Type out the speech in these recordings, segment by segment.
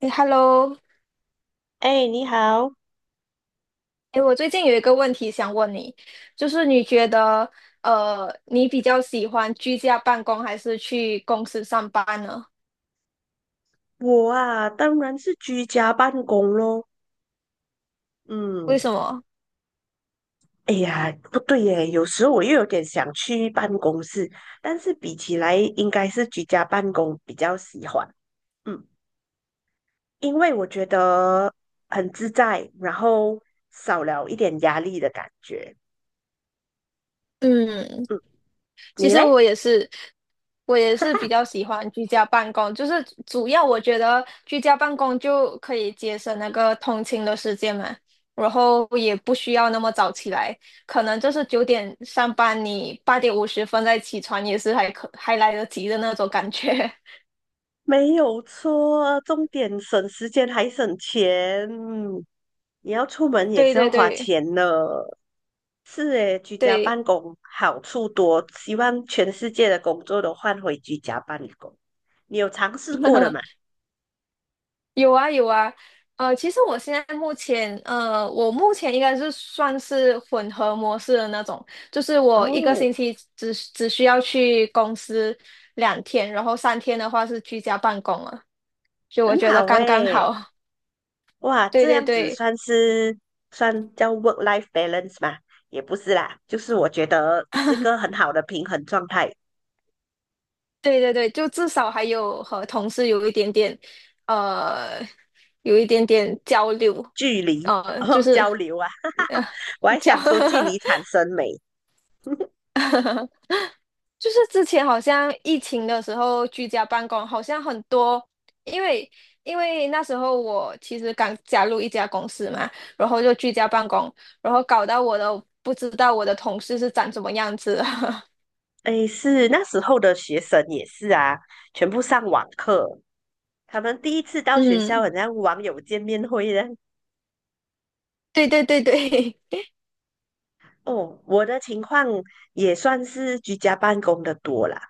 哎，Hello，哎，你好。哎，我最近有一个问题想问你，就是你觉得，你比较喜欢居家办公还是去公司上班呢？我啊，当然是居家办公咯。为嗯，什么？哎呀，不对耶，有时候我又有点想去办公室，但是比起来，应该是居家办公比较喜欢。嗯，因为我觉得很自在，然后少了一点压力的感觉。嗯，嗯，其你实嘞？我也是，我也是比较喜欢居家办公，就是主要我觉得居家办公就可以节省那个通勤的时间嘛，然后也不需要那么早起来，可能就是9点上班，你8点50分再起床也是还来得及的那种感觉。没有错，重点省时间还省钱。嗯，你要出门也对是要对花对。钱呢。是诶，居家对，办公好处多，希望全世界的工作都换回居家办公。你有尝试过的吗？有啊有啊，其实我现在目前，我目前应该是算是混合模式的那种，就是我一个哦，星期只需要去公司2天，然后3天的话是居家办公了，就我很觉得好刚刚诶。好。哇，对这对样子对算是算叫 work-life balance 吗？也不是啦，就是我觉得是个很好的平衡状态。对对对，就至少还有和同事有一点点，呃，有一点点交流，距离 呃，就哦是交流啊，呃 我 还交。想说距离产生美。就是之前好像疫情的时候居家办公，好像很多，因为因为那时候我其实刚加入一家公司嘛，然后就居家办公，然后搞到我都不知道我的同事是长什么样子。诶，是那时候的学生也是啊，全部上网课，他们第一次到学校，嗯，很像网友见面会的。对对对对，哦，我的情况也算是居家办公的多啦。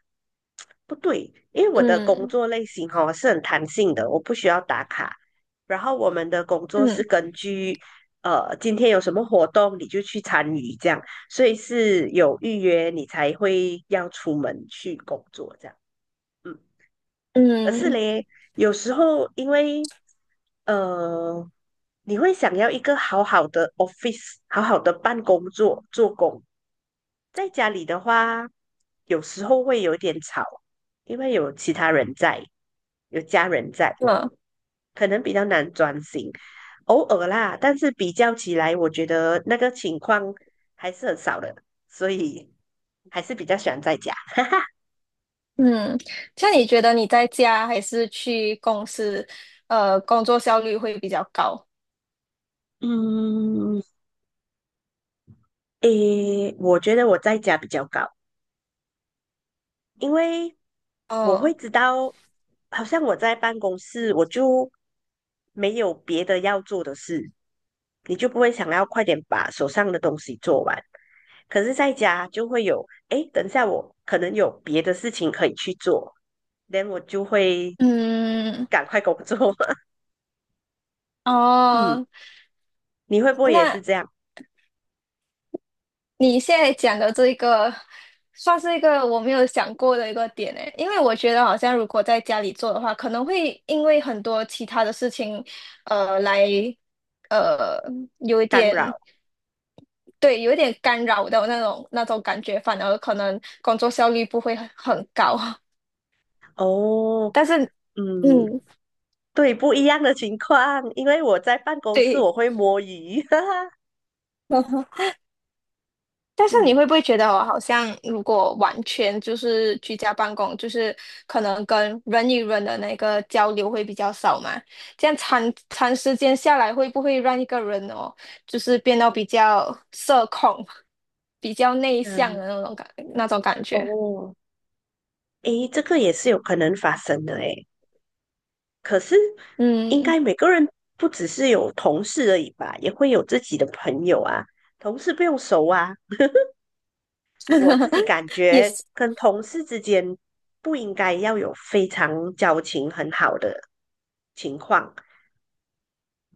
不对，因为 我的工嗯作类型哈、是很弹性的，我不需要打卡。然后我们的工作是嗯根据今天有什么活动你就去参与这样，所以是有预约你才会要出门去工作这样。嗯，但是嗯，嘞，有时候因为呃你会想要一个好好的 office，好好的办公桌做工。在家里的话，有时候会有点吵，因为有其他人在，有家人在，嗯可能比较难专心。偶尔啦，但是比较起来，我觉得那个情况还是很少的，所以还是比较喜欢在家。嗯，像你觉得你在家还是去公司，工作效率会比较高？嗯，诶，我觉得我在家比较高，因为我哦，会知道，好像我在办公室，我就没有别的要做的事，你就不会想要快点把手上的东西做完。可是在家就会有，哎，等一下我可能有别的事情可以去做，then 我就会嗯，赶快工作。嗯，哦，你会不会也那是这样你现在讲的这个，算是一个我没有想过的一个点诶，因为我觉得好像如果在家里做的话，可能会因为很多其他的事情，呃，来，呃，有一干点，扰？对，有一点干扰的那种感觉，反而可能工作效率不会很高。哦，但是，嗯，嗯，对，不一样的情况，因为我在办公室对。我会摸鱼。哈哈，但是你嗯会不会觉得我好像，如果完全就是居家办公，就是可能跟人与人的那个交流会比较少嘛？这样长时间下来，会不会让一个人哦，就是变得比较社恐、比较内向嗯，的那种感觉？哦。诶，这个也是有可能发生的诶。可是，应嗯，该每个人不只是有同事而已吧，也会有自己的朋友啊。同事不用熟啊，我自 己感也觉是，跟同事之间不应该要有非常交情很好的情况。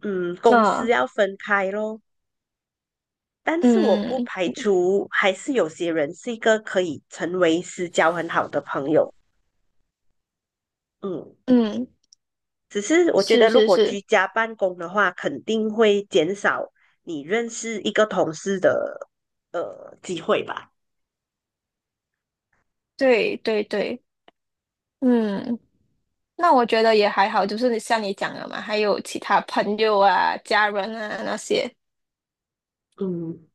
嗯，公司嗯要分开咯。但是我不嗯排除还是有些人是一个可以成为私交很好的朋友。嗯。嗯，只是我觉是得，如是果是，居家办公的话，肯定会减少你认识一个同事的机会吧。对对对，嗯。那我觉得也还好，就是像你讲的嘛，还有其他朋友啊、家人啊那些，嗯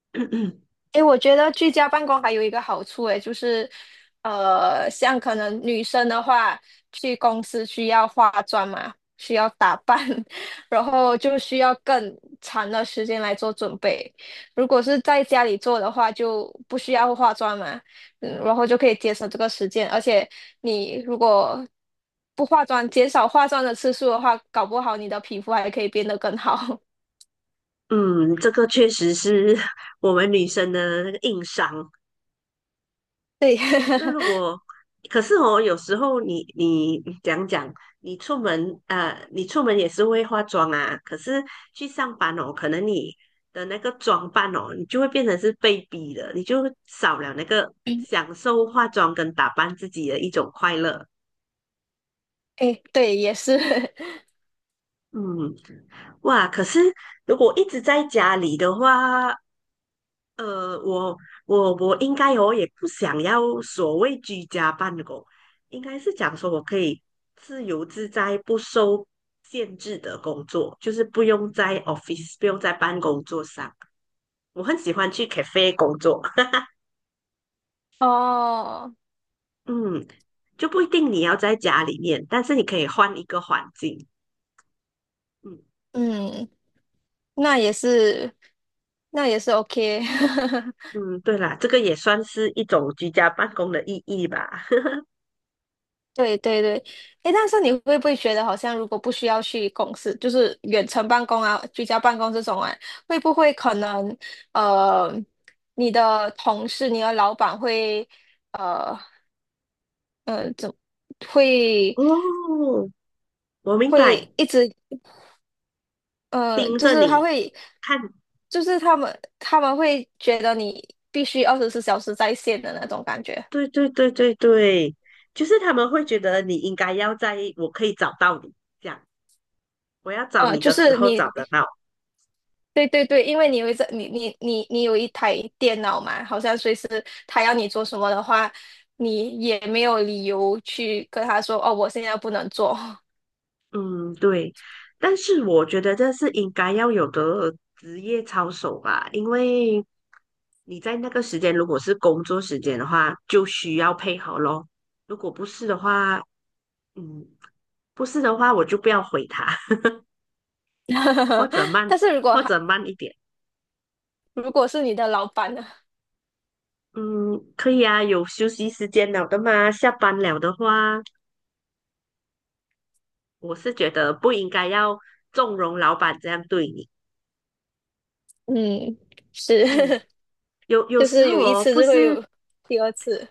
诶，我觉得居家办公还有一个好处，诶，就是，像可能女生的话，去公司需要化妆嘛，需要打扮，然后就需要更长的时间来做准备。如果是在家里做的话，就不需要化妆嘛，嗯，然后就可以节省这个时间。而且你如果不化妆，减少化妆的次数的话，搞不好你的皮肤还可以变得更好。嗯，这个确实是 我们女生的那个硬伤。对，那如 果，可是哦，有时候你讲讲，你出门，你出门也是会化妆啊，可是去上班哦，可能你的那个装扮哦，你就会变成是被逼的，你就少了那个享受化妆跟打扮自己的一种快乐。诶，对，也是，嗯，哇，可是如果一直在家里的话，呃，我我应该我也不想要所谓居家办公，应该是讲说我可以自由自在、不受限制的工作，就是不用在 office，不用在办公桌上。我很喜欢去 cafe 工作。哦。嗯，就不一定你要在家里面，但是你可以换一个环境。嗯嗯，那也是，那也是 OK。嗯，对啦，这个也算是一种居家办公的意义吧。对对对，诶，但是你会不会觉得好像如果不需要去公司，就是远程办公啊、居家办公这种啊，会不会可能呃，你的同事、你的老板呃 会哦，我明白，会一直呃，盯就着是他你会，看。就是他们会觉得你必须24小时在线的那种感觉。对对对对对，就是他们会觉得你应该要在，我可以找到你，这样我要找呃，你就的时是候找你得到。对对对，因为你有一个你有一台电脑嘛，好像随时他要你做什么的话，你也没有理由去跟他说哦，我现在不能做。嗯，对。但是我觉得这是应该要有的职业操守吧，因为你在那个时间如果是工作时间的话，就需要配合咯。如果不是的话，嗯，不是的话我就不要回他。或 者慢，但是如果或他者慢一点。如果是你的老板呢？嗯，可以啊，有休息时间了的嘛。下班了的话，我是觉得不应该要纵容老板这样对你。嗯，嗯，是，有 有就时是有候一哦，次不就会是，有第2次。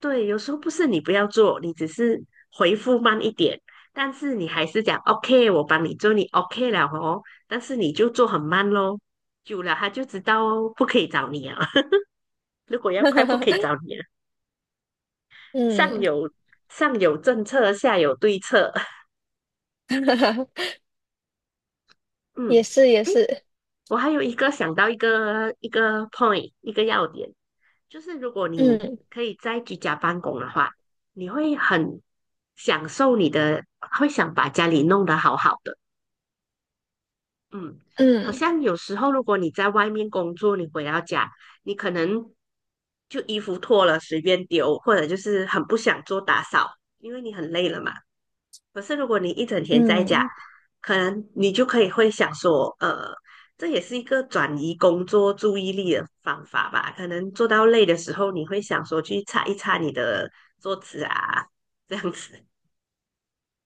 对，有时候不是你不要做，你只是回复慢一点，但是你还是讲 OK，我帮你做，你 OK 了哦，但是你就做很慢咯，久了他就知道哦，不可以找你啊。如果要快，不可以 找你啊。上嗯，有上有政策，下有对策。也嗯。是也诶是，我还有一个想到一个 point 一个要点，就是如果你嗯可以在居家办公的话，你会很享受你的，会想把家里弄得好好的。嗯，好嗯像有时候如果你在外面工作，你回到家，你可能就衣服脱了随便丢，或者就是很不想做打扫，因为你很累了嘛。可是如果你一整天在家，嗯。可能你就可以会想说，呃，这也是一个转移工作注意力的方法吧？可能做到累的时候，你会想说去擦一擦你的桌子啊，这样子。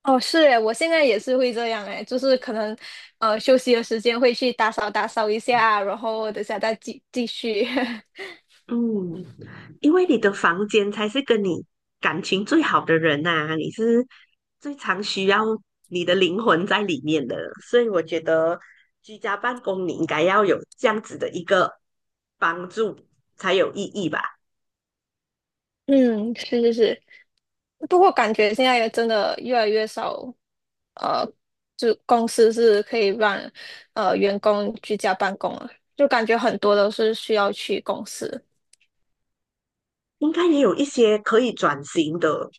哦，是诶，我现在也是会这样诶，就是可能，休息的时间会去打扫打扫一下，然后等下再继续。嗯，因为你的房间才是跟你感情最好的人呐、你是最常需要你的灵魂在里面的，所以我觉得居家办公你应该要有这样子的一个帮助才有意义吧。嗯，是是是，不过感觉现在也真的越来越少，呃，就公司是可以让员工居家办公了，就感觉很多都是需要去公司。应该也有一些可以转型的，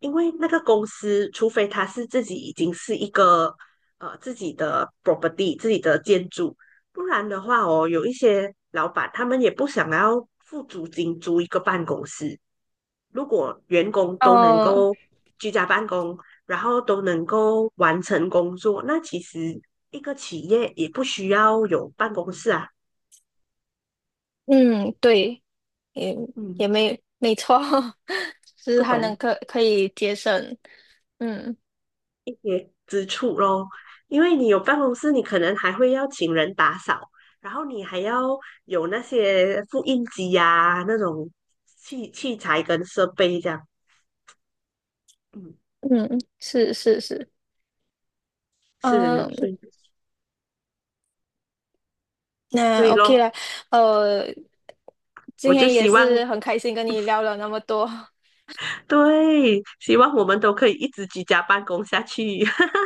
因为那个公司，除非他是自己已经是一个自己的 property、自己的建筑，不然的话哦，有一些老板他们也不想要付租金租一个办公室。如果员工都能呃，够居家办公，然后都能够完成工作，那其实一个企业也不需要有办公室啊。嗯，对，也嗯，也没错，就是不还能懂。可以节省，嗯之处咯。因为你有办公室，你可能还会要请人打扫，然后你还要有那些复印机呀、那种器材跟设备这样。嗯，嗯，是是是，是，嗯、所以所那 以 OK 咯，了，呃，今我就天也希望，是很开心跟你聊了那么多，对，希望我们都可以一直居家办公下去。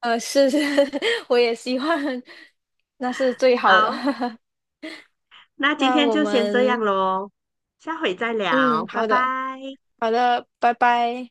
呃，是，是 我也希望那是最好的。好，那今那天我就先这们，样咯，下回再聊，嗯，拜好的，拜。好的，拜拜。